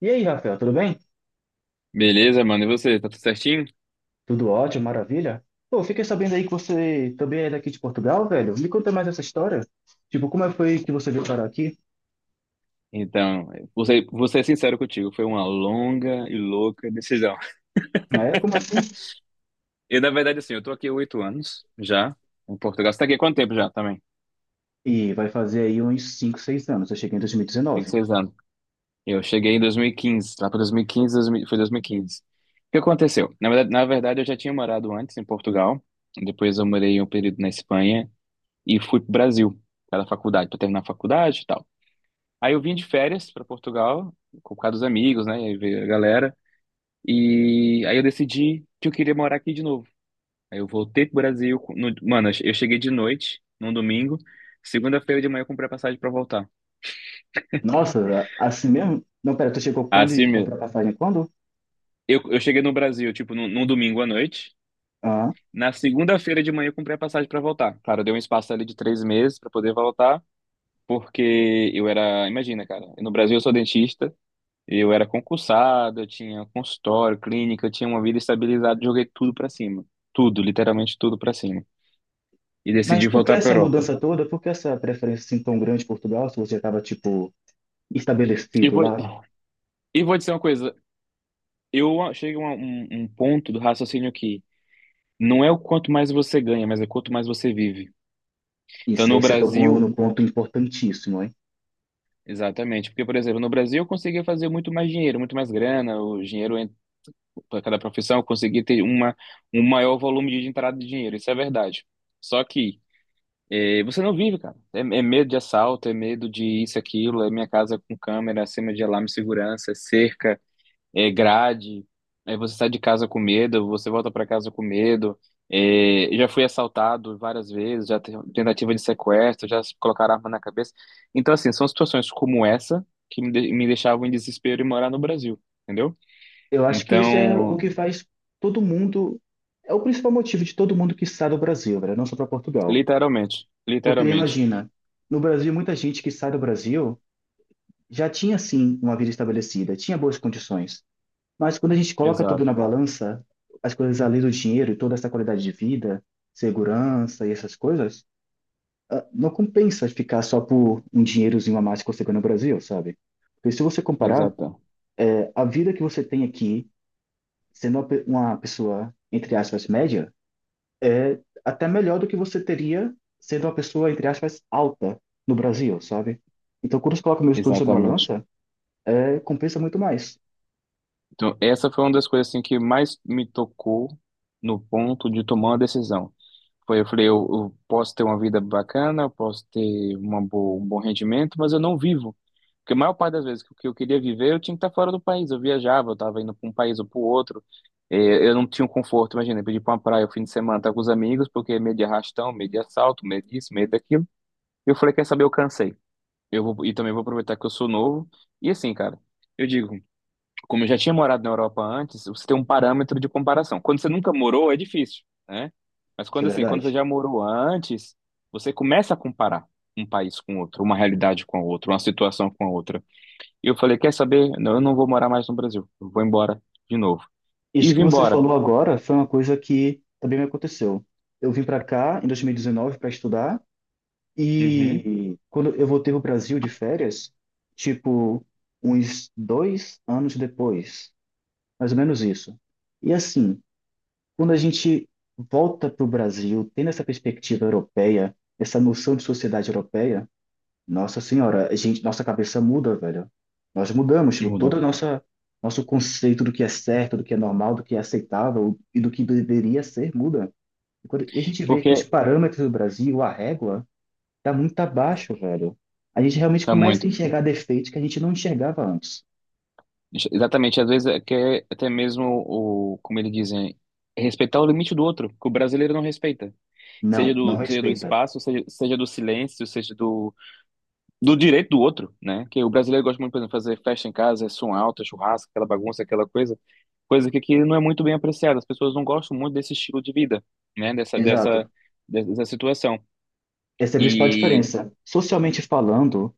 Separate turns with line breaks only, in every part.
E aí, Rafael, tudo bem?
Beleza, mano? E você? Tá tudo certinho?
Tudo ótimo, maravilha? Pô, fiquei sabendo aí que você também é daqui de Portugal, velho. Me conta mais essa história. Tipo, como é foi que você veio parar aqui?
Então, vou ser sincero contigo, foi uma longa e louca decisão.
É, como assim?
Eu, na verdade, assim, eu tô aqui há 8 anos já, em Portugal. Você tá aqui há quanto tempo já também?
E vai fazer aí uns 5, 6 anos. Eu cheguei em
Tem
2019.
6 anos. Eu cheguei em 2015, lá para 2015, 2000, foi 2015. O que aconteceu? Na verdade, eu já tinha morado antes em Portugal, depois eu morei um período na Espanha e fui pro Brasil, para faculdade, para terminar a faculdade e tal. Aí eu vim de férias para Portugal, com por causa dos amigos, né? E aí veio a galera. E aí eu decidi que eu queria morar aqui de novo. Aí eu voltei pro Brasil. Mano, eu cheguei de noite, num domingo. Segunda-feira de manhã eu comprei a passagem pra voltar.
Nossa, assim mesmo? Não, pera, tu chegou quando e
Assim
comprou
mesmo.
a passagem quando?
Eu cheguei no Brasil, tipo, num domingo à noite.
Ah,
Na segunda-feira de manhã eu comprei a passagem pra voltar. Claro, deu um espaço ali de 3 meses pra poder voltar, porque eu era. Imagina, cara, no Brasil eu sou dentista, eu era concursado, eu tinha consultório, clínica, eu tinha uma vida estabilizada, joguei tudo pra cima. Tudo, literalmente tudo pra cima. E
mas
decidi
por que
voltar pra
essa
Europa.
mudança toda? Por que essa preferência assim tão grande por Portugal se você já estava, tipo,
E
estabelecido
vou,
lá?
e vou dizer uma coisa. Chego a um ponto do raciocínio que não é o quanto mais você ganha, mas é o quanto mais você vive. Então,
Isso
no
aí você tocou
Brasil,
num ponto importantíssimo, hein?
exatamente. Porque, por exemplo, no Brasil eu conseguia fazer muito mais dinheiro, muito mais grana, o dinheiro para cada profissão, eu conseguia ter um maior volume de entrada de dinheiro. Isso é verdade. Só que você não vive, cara. É, é medo de assalto, é medo de isso, aquilo, é minha casa com câmera, acima de alarme de segurança, é cerca. É, grade, aí você sai de casa com medo, você volta para casa com medo. É, já fui assaltado várias vezes, tentativa de sequestro, já se colocaram arma na cabeça. Então, assim, são situações como essa que me deixavam em desespero e morar no Brasil, entendeu?
Eu acho que isso é o
Então,
que faz todo mundo, é o principal motivo de todo mundo que sai do Brasil, velho, não só para Portugal.
literalmente,
Porque
literalmente.
imagina, no Brasil, muita gente que sai do Brasil já tinha sim uma vida estabelecida, tinha boas condições. Mas quando a gente coloca tudo na
Exato,
balança, as coisas além do dinheiro e toda essa qualidade de vida, segurança e essas coisas, ah, não compensa ficar só por um dinheirozinho a mais que você ganha no Brasil, sabe? Porque se você comparar,
exata,
a vida que você tem aqui, sendo uma uma pessoa, entre aspas, média, é até melhor do que você teria sendo uma pessoa, entre aspas, alta no Brasil, sabe? Então, quando você coloca meu estudo sobre a
exatamente.
balança, é, compensa muito mais.
Então, essa foi uma das coisas assim, que mais me tocou no ponto de tomar uma decisão. Foi, eu falei, eu posso ter uma vida bacana, eu posso ter um bom rendimento, mas eu não vivo. Porque a maior parte das vezes que eu queria viver, eu tinha que estar fora do país. Eu viajava, eu estava indo para um país ou para o outro. Eu não tinha um conforto, imagina, eu pedi para uma praia o fim de semana, estar com os amigos, porque medo de arrastão, medo de assalto, medo disso, medo daquilo. Eu falei, quer saber, eu cansei. Eu vou, e também vou aproveitar que eu sou novo. E assim, cara, eu digo como eu já tinha morado na Europa antes, você tem um parâmetro de comparação. Quando você nunca morou, é difícil, né? Mas
Isso é
quando assim, quando você
verdade.
já morou antes, você começa a comparar um país com outro, uma realidade com a outra, uma situação com a outra. E eu falei, quer saber? Não, eu não vou morar mais no Brasil. Eu vou embora de novo. E
Isso
vim
que você
embora.
falou agora foi uma coisa que também me aconteceu. Eu vim para cá em 2019 para estudar
Uhum.
e quando eu voltei pro Brasil de férias, tipo, uns dois anos depois, mais ou menos isso. E assim, quando a gente volta para o Brasil, tendo essa perspectiva europeia, essa noção de sociedade europeia, nossa senhora, a gente, nossa cabeça muda, velho. Nós mudamos, tipo, todo
Muda.
o nossa nosso conceito do que é certo, do que é normal, do que é aceitável e do que deveria ser muda. E, e a gente vê que os
Porque
parâmetros do Brasil, a régua, tá muito abaixo, velho. A gente realmente
tá
começa a
muito.
enxergar defeitos que a gente não enxergava antes.
Exatamente, às vezes é que é até mesmo o, como eles dizem, é respeitar o limite do outro, que o brasileiro não respeita.
Não, não
Seja do
respeita.
espaço, seja do silêncio, seja do direito do outro, né? Que o brasileiro gosta muito, por exemplo, de fazer festa em casa, é som alto, é churrasco, aquela bagunça, aquela coisa, coisa que aqui não é muito bem apreciada. As pessoas não gostam muito desse estilo de vida, né?
Exato.
Dessa situação.
Essa é a principal
E
diferença. Socialmente falando,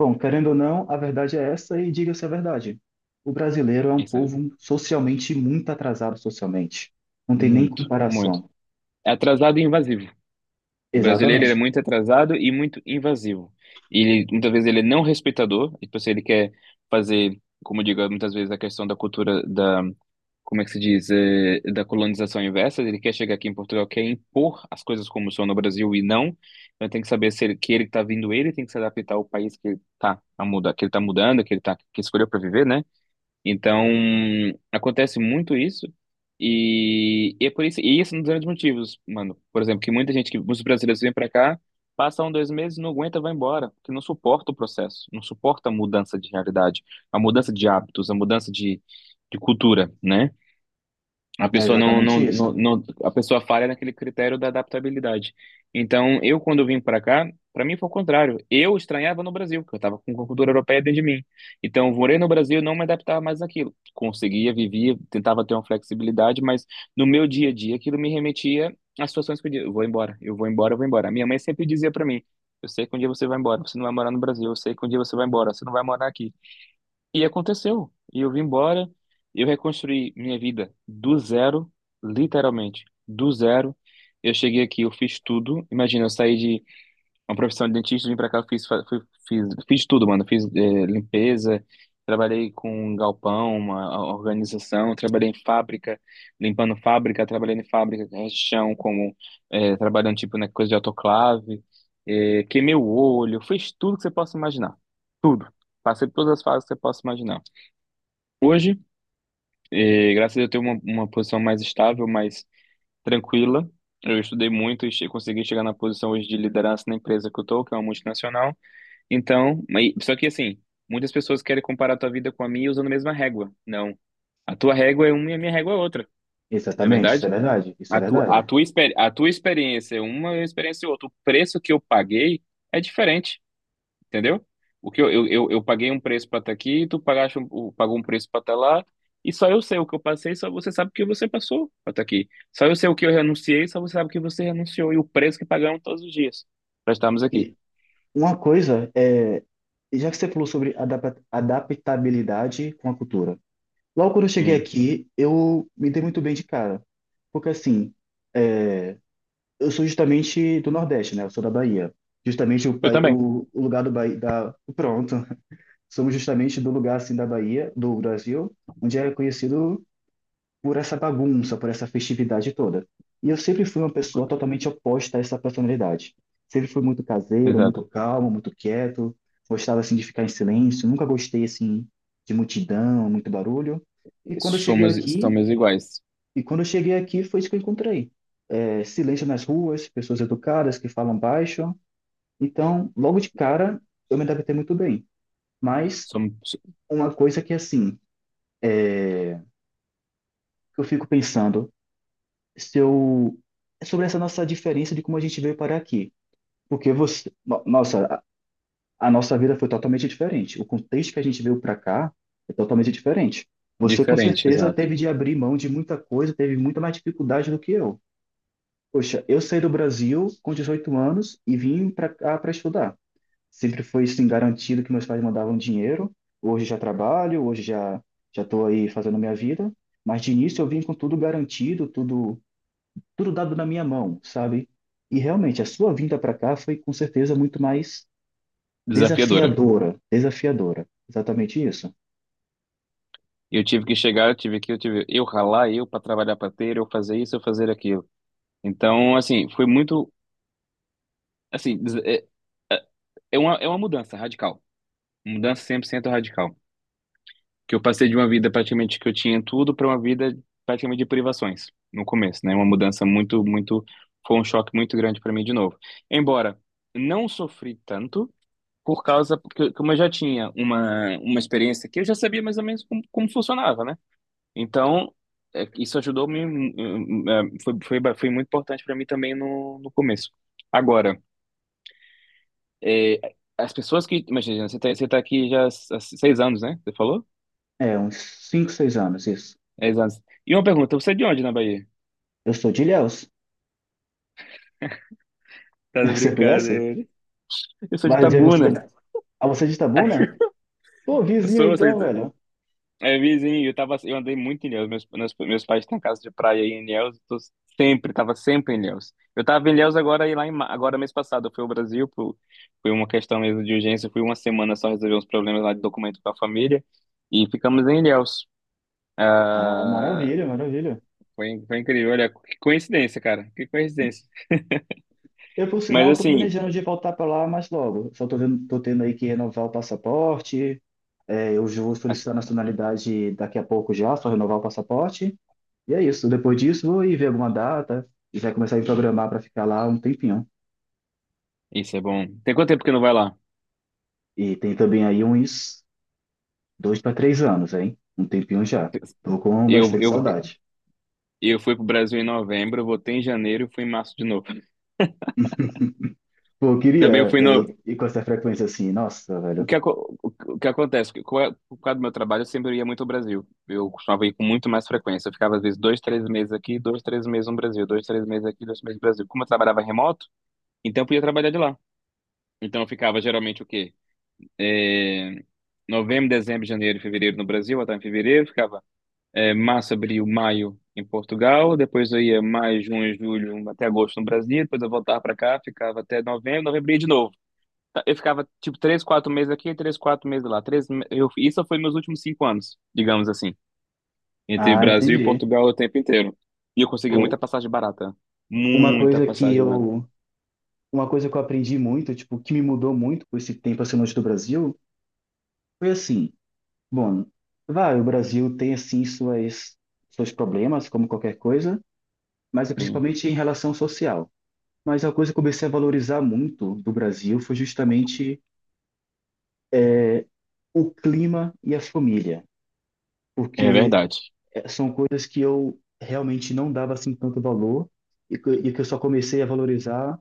bom, querendo ou não, a verdade é essa e diga-se a verdade. O brasileiro é um
isso é
povo socialmente muito atrasado socialmente. Não tem nem
muito, muito.
comparação.
É atrasado e invasivo. O brasileiro ele é
Exatamente.
muito atrasado e muito invasivo. E ele, muitas vezes ele é não respeitador, e tipo assim, ele quer fazer, como eu digo, muitas vezes a questão da cultura da como é que se diz, da colonização inversa, ele quer chegar aqui em Portugal, quer impor as coisas como são no Brasil e não. Então tem que saber se ele, que ele está vindo, ele tem que se adaptar ao país que ele tá a mudar, que ele tá mudando, que ele tá que escolheu para viver, né? Então acontece muito isso. E é por isso, e isso é um dos grandes motivos, mano. Por exemplo, que muita gente, que muitos brasileiros vêm para cá, passam um, dois meses, não aguenta, vai embora, porque não suporta o processo, não suporta a mudança de realidade, a mudança de hábitos, a mudança de cultura, né? A
É
pessoa não, não,
exatamente isso.
não, não- A pessoa falha naquele critério da adaptabilidade. Então, eu quando vim para cá, para mim foi o contrário. Eu estranhava no Brasil, porque eu estava com cultura europeia dentro de mim. Então, eu morei no Brasil, não me adaptava mais àquilo. Conseguia, vivia, tentava ter uma flexibilidade, mas no meu dia a dia aquilo me remetia às situações que eu dizia, eu vou embora, eu vou embora, eu vou embora. A minha mãe sempre dizia para mim, eu sei que um dia você vai embora, você não vai morar no Brasil, eu sei que um dia você vai embora, você não vai morar aqui. E aconteceu. E eu vim embora, eu reconstruí minha vida do zero, literalmente, do zero. Eu cheguei aqui, eu fiz tudo. Imagina, eu saí de uma profissão de dentista, vim pra cá, fiz tudo, mano. Fiz, limpeza, trabalhei com um galpão, uma organização, trabalhei em fábrica, limpando fábrica, trabalhei em fábrica, chão, como, trabalhando, tipo, na coisa de autoclave, queimei o olho, fiz tudo que você possa imaginar. Tudo. Passei por todas as fases que você possa imaginar. Hoje, graças a Deus, eu tenho uma posição mais estável, mais tranquila. Eu estudei muito e consegui chegar na posição hoje de liderança na empresa que eu tô, que é uma multinacional. Então, só que assim, muitas pessoas querem comparar a tua vida com a minha usando a mesma régua. Não. A tua régua é uma e a minha régua é outra, não é
Exatamente, isso é
verdade?
verdade. Isso é verdade.
A tua experiência é uma, a minha experiência é outra. O preço que eu paguei é diferente. Entendeu? O que eu paguei um preço para estar aqui, tu pagaste um, o- pagou um preço para estar lá, e só eu sei o que eu passei, só você sabe o que você passou para estar aqui. Só eu sei o que eu renunciei, só você sabe o que você renunciou e o preço que pagamos todos os dias para estarmos aqui.
E uma coisa é, já que você falou sobre adaptabilidade com a cultura. Logo quando eu cheguei
Sim.
aqui, eu me dei muito bem de cara. Porque assim, é, eu sou justamente do Nordeste, né? Eu sou da Bahia. Justamente o,
Eu também,
o lugar do Bahia, da, pronto, somos justamente do lugar assim da Bahia, do Brasil, onde é conhecido por essa bagunça, por essa festividade toda. E eu sempre fui uma pessoa totalmente oposta a essa personalidade. Sempre fui muito caseiro, muito
exato.
calmo, muito quieto, gostava assim de ficar em silêncio, nunca gostei assim de multidão, muito barulho. E quando eu cheguei
Somos,
aqui,
Somos iguais.
foi isso que eu encontrei. É, silêncio nas ruas, pessoas educadas que falam baixo. Então, logo de cara, eu me adaptei muito bem. Mas
Somos
uma coisa que, assim, que eu fico pensando, se eu... sobre essa nossa diferença de como a gente veio parar aqui. Porque você... Nossa, a nossa vida foi totalmente diferente. O contexto que a gente veio para cá é totalmente diferente. Você, com
diferentes,
certeza,
exato.
teve de abrir mão de muita coisa, teve muita mais dificuldade do que eu. Poxa, eu saí do Brasil com 18 anos e vim para cá para estudar. Sempre foi assim garantido que meus pais mandavam dinheiro. Hoje já trabalho, hoje já estou aí fazendo minha vida. Mas de início eu vim com tudo garantido, tudo dado na minha mão, sabe? E realmente a sua vinda para cá foi com certeza muito mais
Desafiadora.
desafiadora, desafiadora. Exatamente isso.
Eu tive que chegar, eu tive que, Eu tive eu ralar, eu para trabalhar para ter, eu fazer isso, eu fazer aquilo. Então, assim, foi muito, assim, é uma mudança radical. Mudança 100% radical. Que eu passei de uma vida praticamente que eu tinha tudo para uma vida praticamente de privações no começo, né? Uma mudança muito, muito. Foi um choque muito grande para mim de novo. Embora não sofri tanto, por causa. Porque, como eu já tinha uma experiência que eu já sabia mais ou menos como, como funcionava, né? Então, é, isso ajudou me. Foi, foi, foi muito importante para mim também no começo. Agora, é, as pessoas que. Imagina, você tá aqui já há 6 anos, né? Você falou?
É, uns cinco, seis anos, isso.
É, exato. E uma pergunta, você é de onde na Bahia?
Eu sou de Ilhéus.
Tá de
Você conhece?
brincadeira. Eu sou de
Vai dizer que você
Tabuna.
Ah, você é de Itabuna? Pô, vizinho
Eu sou de...
então,
Ita-
velho.
É vizinho, eu tava, eu andei muito em Ilhéus, meus pais têm casa de praia aí em Ilhéus, eu tô sempre, tava sempre em Ilhéus. Eu tava em Ilhéus agora e agora mês passado, eu fui ao Brasil, foi uma questão mesmo de urgência, fui uma semana só resolver uns problemas lá de documento com a família e ficamos em Ilhéus.
Ah, maravilha, maravilha.
Foi, foi incrível, olha, que coincidência, cara, que coincidência.
Eu, por
Mas
sinal, estou
assim,
planejando de voltar para lá mais logo. Só estou tendo, tô tendo aí que renovar o passaporte. É, eu já vou solicitar a
a-
nacionalidade daqui a pouco já, só renovar o passaporte. E é isso. Depois disso, vou ir ver alguma data e já começar a me programar para ficar lá um tempinho.
isso é bom. Tem quanto tempo que não vai lá?
E tem também aí uns dois para três anos, hein? Um tempinho já. Tô com
Eu,
bastante
eu,
saudade.
E eu fui pro Brasil em novembro, eu voltei em janeiro e fui em março de novo.
Pô, eu
Também eu
queria
fui
é,
no.
ir com essa frequência assim. Nossa, velho.
O que acontece? Por causa do meu trabalho, eu sempre ia muito ao Brasil. Eu costumava ir com muito mais frequência. Eu ficava, às vezes, dois, três meses aqui, dois, três meses no Brasil, dois, três meses aqui, dois, três meses no Brasil. Como eu trabalhava remoto, então eu podia trabalhar de lá. Então eu ficava geralmente o quê? É, novembro, dezembro, janeiro e fevereiro no Brasil, até em fevereiro, ficava é, março, abril, maio em Portugal, depois eu ia maio, junho, julho, até agosto no Brasil, depois eu voltava para cá, ficava até novembro, novembro ia de novo. Tá, eu ficava tipo três, quatro meses aqui, três, quatro meses lá. Isso foi meus últimos 5 anos, digamos assim, entre
Ah,
Brasil e
entendi.
Portugal o tempo inteiro. E eu conseguia
Pô,
muita passagem barata,
uma
muita
coisa que
passagem barata.
eu uma coisa que eu aprendi muito, tipo, que me mudou muito com esse tempo assim longe do Brasil, foi assim, bom, vai, o Brasil tem assim suas seus problemas, como qualquer coisa, mas é
Sim,
principalmente em relação social. Mas a coisa que eu comecei a valorizar muito do Brasil foi justamente o clima e a família,
é
porque
verdade.
são coisas que eu realmente não dava assim tanto valor e que eu só comecei a valorizar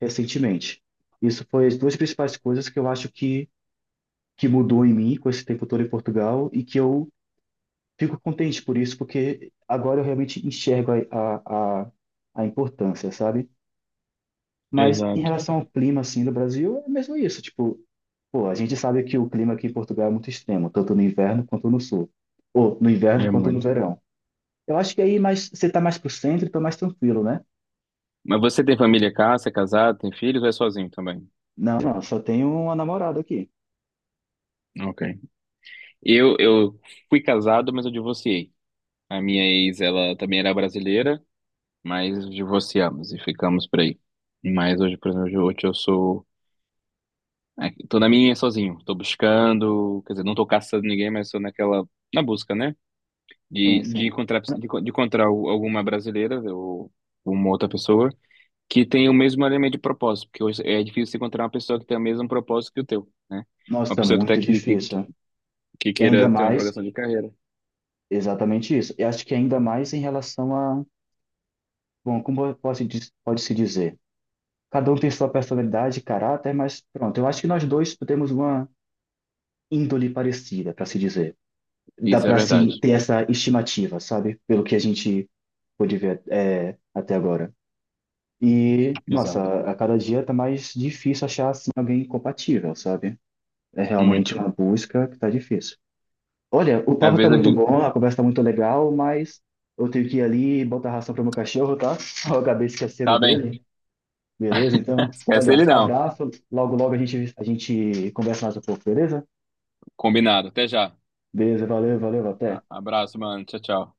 recentemente. Isso foi as duas principais coisas que eu acho que mudou em mim com esse tempo todo em Portugal e que eu fico contente por isso, porque agora eu realmente enxergo a importância, sabe? Mas em
Exato,
relação ao clima, assim, do Brasil, é mesmo isso. Tipo, pô, a gente sabe que o clima aqui em Portugal é muito extremo, tanto no inverno quanto no sul. Ou no inverno
é
quanto no
muito.
verão. Eu acho que aí mais, você tá mais pro centro, então mais tranquilo, né?
Mas você tem família cá, você é casado, tem filhos ou é sozinho também?
Não, não, só tenho uma namorada aqui.
Ok. Eu fui casado, mas eu divorciei. A minha ex, ela também era brasileira, mas divorciamos e ficamos por aí. Mas hoje, por exemplo, hoje eu sou. Tô na minha sozinho, tô buscando, quer dizer, não tô caçando ninguém, mas sou naquela. Na busca, né?
Sim, sim.
De encontrar alguma brasileira ou uma outra pessoa que tenha o mesmo elemento de propósito, porque hoje é difícil você encontrar uma pessoa que tenha o mesmo propósito que o teu, né?
Nossa,
Uma
tá
pessoa que tá
muito
aqui,
difícil.
que
E ainda
queira ter uma
mais,
progressão de carreira.
exatamente isso. E acho que ainda mais em relação a bom, como eu posso, pode-se dizer? Cada um tem sua personalidade e caráter, mas pronto, eu acho que nós dois temos uma índole parecida, para se dizer. Dá
Isso é
para, assim,
verdade.
ter essa estimativa, sabe? Pelo que a gente pôde ver é, até agora. E,
Exato.
nossa, a cada dia tá mais difícil achar, assim, alguém compatível, sabe? É realmente
Muito.
uma busca que tá difícil. Olha, o
Às
papo tá
vezes eu
muito
digo,
bom, a conversa tá muito legal, mas eu tenho que ir ali botar ração pro meu cachorro, tá? Eu acabei esquecendo
tá bem.
dele. Beleza, então.
Esquece
Olha,
ele não.
abraço. Logo, logo a gente conversa mais um pouco, beleza?
Combinado. Até já.
Beleza, valeu, valeu, até.
Abraço, mano. Tchau, tchau.